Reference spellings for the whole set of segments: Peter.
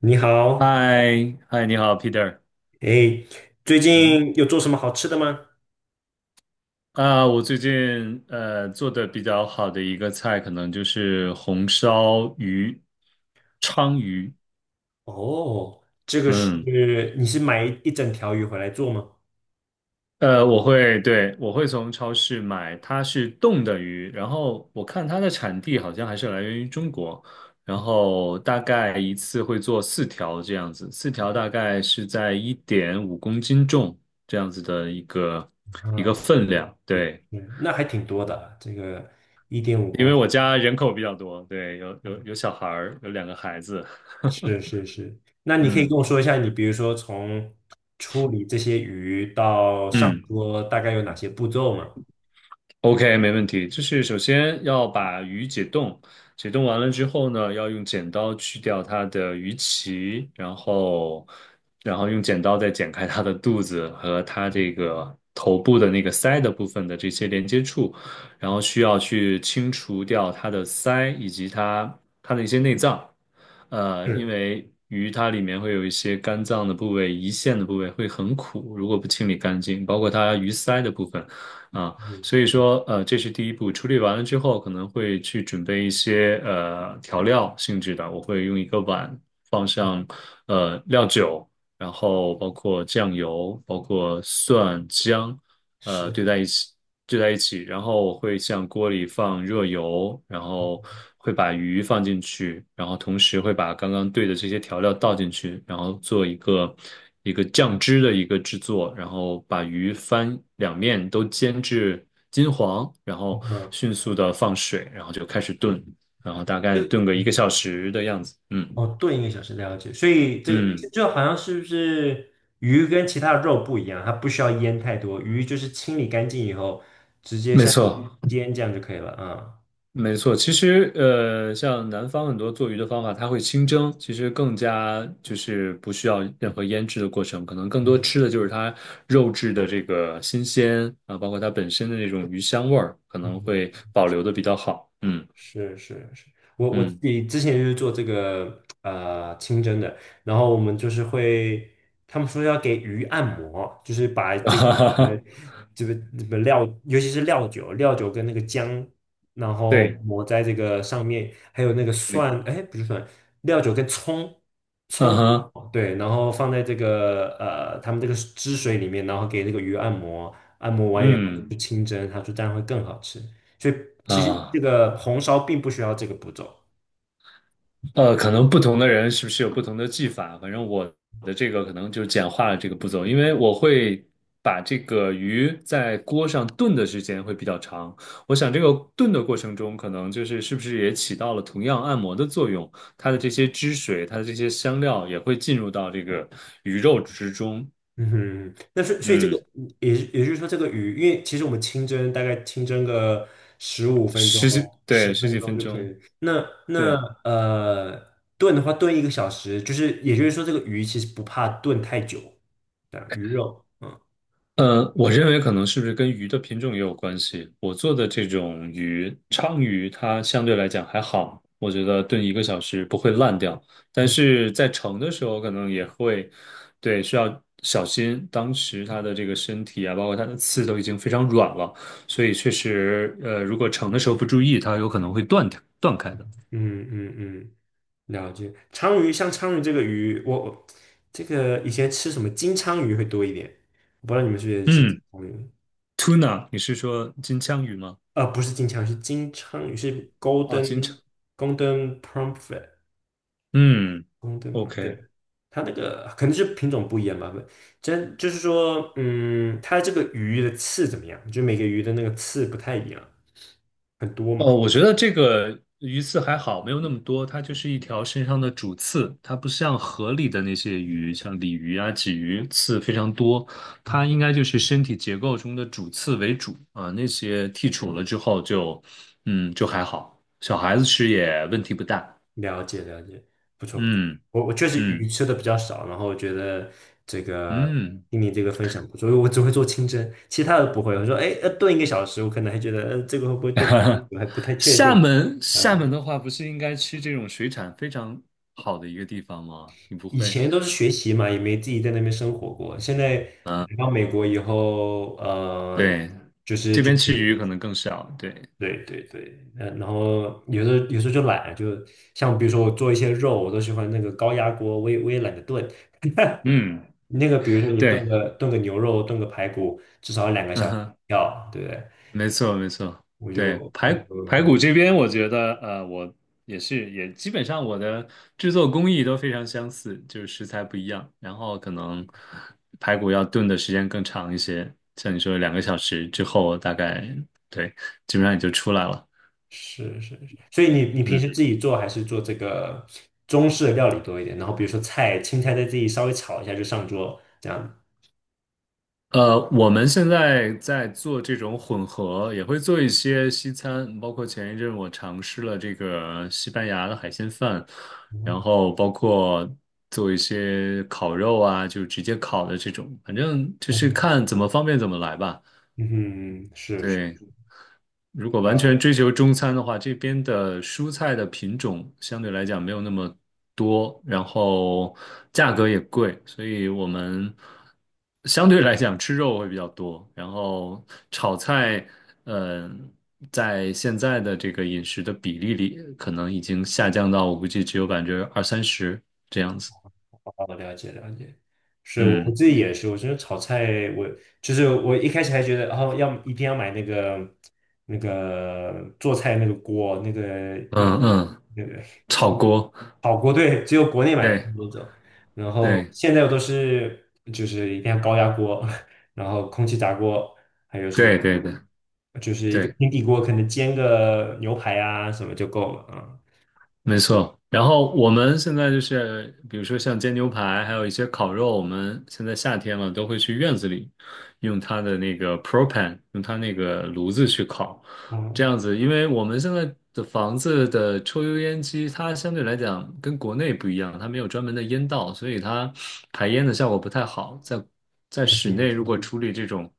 你好，嗨，嗨，你好，Peter。哎，最嗯近有做什么好吃的吗？哼啊，我最近做的比较好的一个菜，可能就是红烧鱼、鲳鱼。哦，嗯，你是买一整条鱼回来做吗？对，我会从超市买，它是冻的鱼，然后我看它的产地好像还是来源于中国，然后大概一次会做四条这样子，四条大概是在1.5公斤重这样子的一个啊，分量，对。嗯，那还挺多的啊这个一点五因公为斤，我家人口比较多，对，有小孩儿，有2个孩子，是是是。那你可以跟嗯我说一下，你比如说从处理这些鱼到上嗯，桌，大概有哪些步骤吗？OK，没问题。就是首先要把鱼解冻，解冻完了之后呢，要用剪刀去掉它的鱼鳍，然后用剪刀再剪开它的肚子和它这个头部的那个鳃的部分的这些连接处，然后需要去清除掉它的鳃以及它的一些内脏。因是，为鱼它里面会有一些肝脏的部位、胰腺的部位会很苦，如果不清理干净，包括它鱼鳃的部分。啊。嗯，所以说，这是第一步。处理完了之后，可能会去准备一些调料性质的，我会用一个碗放上料酒，然后包括酱油，包括蒜姜，是，对在一起，对在一起，然后我会向锅里放热油，然后会把鱼放进去，然后同时会把刚刚兑的这些调料倒进去，然后做一个酱汁的一个制作，然后把鱼翻两面都煎至金黄，然后嗯。迅速的放水，然后就开始炖，然后大概就。炖个一个小时的样子。嗯哦，炖一个小时，了解。所以这嗯，就好像是不是鱼跟其他的肉不一样，它不需要腌太多，鱼就是清理干净以后直接没下去错。煎这样就可以了啊。没错，其实像南方很多做鱼的方法，它会清蒸，其实更加就是不需要任何腌制的过程，可能更多嗯吃的就是它肉质的这个新鲜啊，包括它本身的那种鱼香味儿，可嗯能嗯，会保留的比较好。嗯是是是，我自嗯，己之前就是做这个清蒸的，然后我们就是会，他们说要给鱼按摩，就是把 哈这个哈呃哈，这个料，尤其是料酒，料酒跟那个姜，然后对抹在这个上面，还有那个对，蒜，哎，不是蒜，料酒跟葱，嗯葱，哼，对，然后放在这个他们这个汁水里面，然后给这个鱼按摩，按摩完以后嗯就清蒸，他说这样会更好吃。所以其实这啊。个红烧并不需要这个步骤。可能不同的人是不是有不同的技法？反正我的这个可能就简化了这个步骤，因为我会把这个鱼在锅上炖的时间会比较长。我想这个炖的过程中，可能就是是不是也起到了同样按摩的作用？它的这些汁水，它的这些香料也会进入到这个鱼肉之中。嗯哼，那所以这个嗯，也就是说，这个鱼，因为其实我们清蒸大概清蒸个15分钟、十几，十对，十分几钟分就可钟，以。那对。炖的话，炖一个小时，就是也就是说，这个鱼其实不怕炖太久，对啊，鱼肉，嗯我认为可能是不是跟鱼的品种也有关系。我做的这种鱼，鲳鱼，它相对来讲还好，我觉得炖一个小时不会烂掉。但嗯是在盛的时候，可能也会，对，需要小心。当时它的这个身体啊，包括它的刺都已经非常软了，所以确实，如果盛的时候不注意，它有可能会断掉、断开的。嗯嗯嗯，了解。鲳鱼像鲳鱼这个鱼，我这个以前吃什么金鲳鱼会多一点，我不知道你们是不是也吃嗯鲳鱼？，tuna，你是说金枪鱼吗？呃，不是金枪鱼，是金枪鱼，是 啊，金 枪，Golden Pomfret 嗯 Golden p o ，OK。对，它那个可能是品种不一样吧，不，真就是说，嗯，它这个鱼的刺怎么样？就每个鱼的那个刺不太一样，很多嘛。哦，我觉得这个鱼刺还好，没有那么多，它就是一条身上的主刺，它不像河里的那些鱼，像鲤鱼啊、鲫鱼，刺非常多，它应该就是身体结构中的主刺为主啊，那些剔除了之后就，就还好，小孩子吃也问题不大，了解了解，不错不错。嗯我确实鱼嗯吃的比较少，然后我觉得这个嗯。听你这个分享不错，因为我只会做清蒸，其他的不会。我说，哎，要炖一个小时，我可能还觉得，这个会不会炖？我还不太确厦定。门，厦呃。门的话，不是应该吃这种水产非常好的一个地方吗？你不以会？前都是学习嘛，也没自己在那边生活过。现在啊来到美国以后，嗯，对，就是这就边吃鱼是可能更少。对，对对对，嗯，然后有时候就懒，就像比如说我做一些肉，我都喜欢那个高压锅，我也懒得炖。嗯，那个比如说你炖对，个炖个牛肉，炖个排骨，至少要两个小嗯时，哼，对不对？没错，没错。我对，就我排就排骨这边，我觉得，我也是，也基本上我的制作工艺都非常相似，就是食材不一样，然后可能排骨要炖的时间更长一些，像你说2个小时之后，大概对，基本上也就出来了。是是是，所以你平嗯。时自己做还是做这个中式的料理多一点？然后比如说菜，青菜再自己稍微炒一下就上桌这样。我们现在在做这种混合，也会做一些西餐，包括前一阵我尝试了这个西班牙的海鲜饭，然嗯后包括做一些烤肉啊，就直接烤的这种，反正就是嗯看怎么方便怎么来吧。嗯，是是，对。如果完全追求中餐的话，这边的蔬菜的品种相对来讲没有那么多，然后价格也贵，所以我们相对来讲吃肉会比较多。然后炒菜，嗯、在现在的这个饮食的比例里，可能已经下降到我估计只有20%到30%。哦，了解了解，是我嗯自己也是，我觉得炒菜，我就是我一开始还觉得，哦，要一定要买那个做菜那个锅，那个一嗯嗯，那个就炒锅，好锅，对，只有国内买的对那种。然后对现在我都是就是一定要高压锅，然后空气炸锅，还有什么对对对就是一个对。平底锅，可能煎个牛排啊什么就够了啊。没错，然后我们现在就是，比如说像煎牛排，还有一些烤肉，我们现在夏天了，都会去院子里用它的那个 propane，用它那个炉子去烤，嗯这样子，因为我们现在的房子的抽油烟机，它相对来讲跟国内不一样，它没有专门的烟道，所以它排烟的效果不太好。在室内，嗯，如果处理这种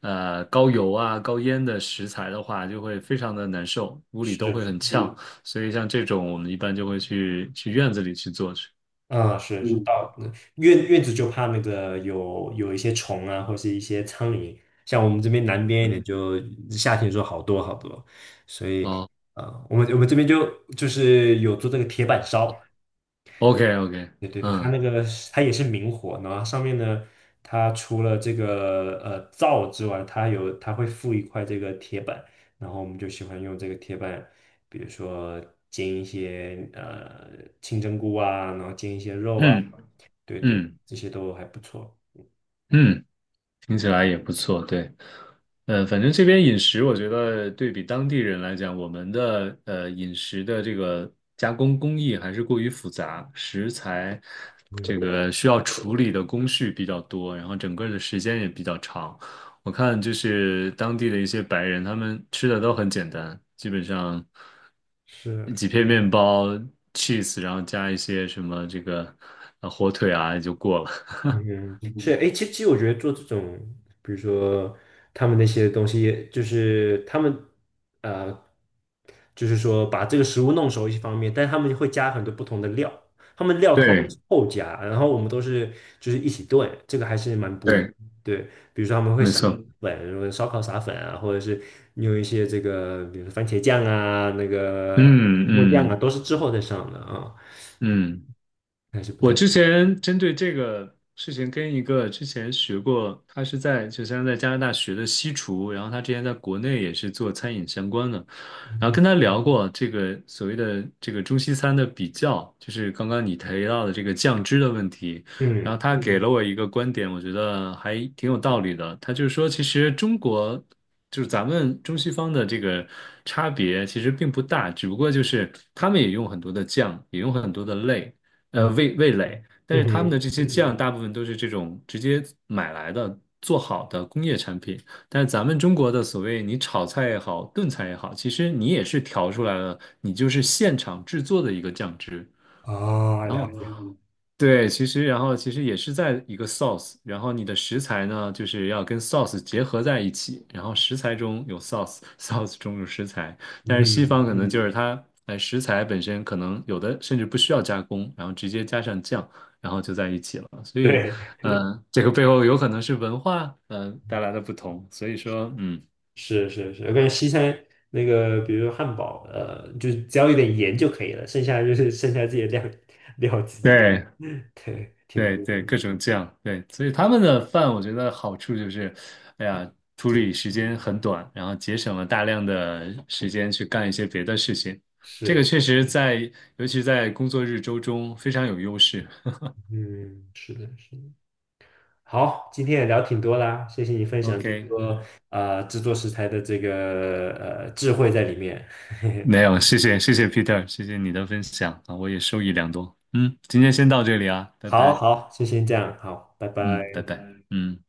高油啊、高烟的食材的话，就会非常的难受，屋里都会是。很呛。所以像这种我们一般就会去院子里去做去。嗯，是嗯，是，到那院子就怕那个有一些虫啊，或是一些苍蝇。像我们这边南边一点就，夏天的时候好多好多，所以哦我们这边就是有做这个铁板烧，，OK OK，对对对，嗯它也是明火，然后上面呢，它除了这个灶之外，它会附一块这个铁板，然后我们就喜欢用这个铁板，比如说煎一些清蒸菇啊，然后煎一些肉啊。嗯对对，嗯这些都还不错。嗯，听起来也不错，对。反正这边饮食，我觉得对比当地人来讲，我们的饮食的这个加工工艺还是过于复杂，食材这嗯，个需要处理的工序比较多，然后整个的时间也比较长。我看就是当地的一些白人，他们吃的都很简单，基本上是，几片面包、cheese，然后加一些什么这个火腿啊就过了。嗯，是，哎，其实我觉得做这种，比如说他们那些东西，就是他们呃，就是说把这个食物弄熟一方面，但他们会加很多不同的料，他们 料通常对是后加，然后我们都是就是一起炖，这个还是蛮不一样对，的对，比如说他们会没撒错。粉，如果烧烤撒粉啊，或者是用一些这个，比如说番茄酱啊，那个嗯木酱啊，嗯。都是之后再上的啊。嗯，还是不我太，之前针对这个事情跟一个之前学过，他是在就像在加拿大学的西厨，然后他之前在国内也是做餐饮相关的，然后跟嗯他聊过这个所谓的这个中西餐的比较，就是刚刚你提到的这个酱汁的问题，然后嗯他给了我一个观点，我觉得还挺有道理的，他就是说其实中国就是咱们中西方的这个差别其实并不大，只不过就是他们也用很多的酱，也用很多的类。嗯，味蕾，但嗯是他们哼，的这些酱大部分都是这种直接买来的做好的工业产品，但是咱们中国的所谓你炒菜也好，炖菜也好，其实你也是调出来了，你就是现场制作的一个酱汁，哦，然了后解，呢，对，其实也是在一个 sauce，然后你的食材呢，就是要跟 sauce 结合在一起，然后食材中有 sauce，sauce 中有食材，但是西嗯，方可能就是它，哎，食材本身可能有的甚至不需要加工，然后直接加上酱，然后就在一起了，所以，对，这个背后有可能是文化，带来的不同，所以说，是是是，我感觉西餐那个，比如汉堡，就只要有点盐就可以了，剩下就是剩下自己的料料自己，对，对，挺不对错对，的，各种酱，对，所以他们的饭我觉得好处就是，哎呀，处挺理时间很短，然后节省了大量的时间去干一些别的事情，这个是，确实在，尤其在工作日周中非常有优势。嗯，是的，是的。好，今天也聊挺多啦，谢谢你分享这么 OK，多制作食材的这个智慧在里面。没有，谢谢谢谢 Peter，谢谢你的分享啊，我也受益良多。嗯，今天先到这里啊，拜好拜。好，就先这样，好，拜嗯，拜拜。拜。嗯。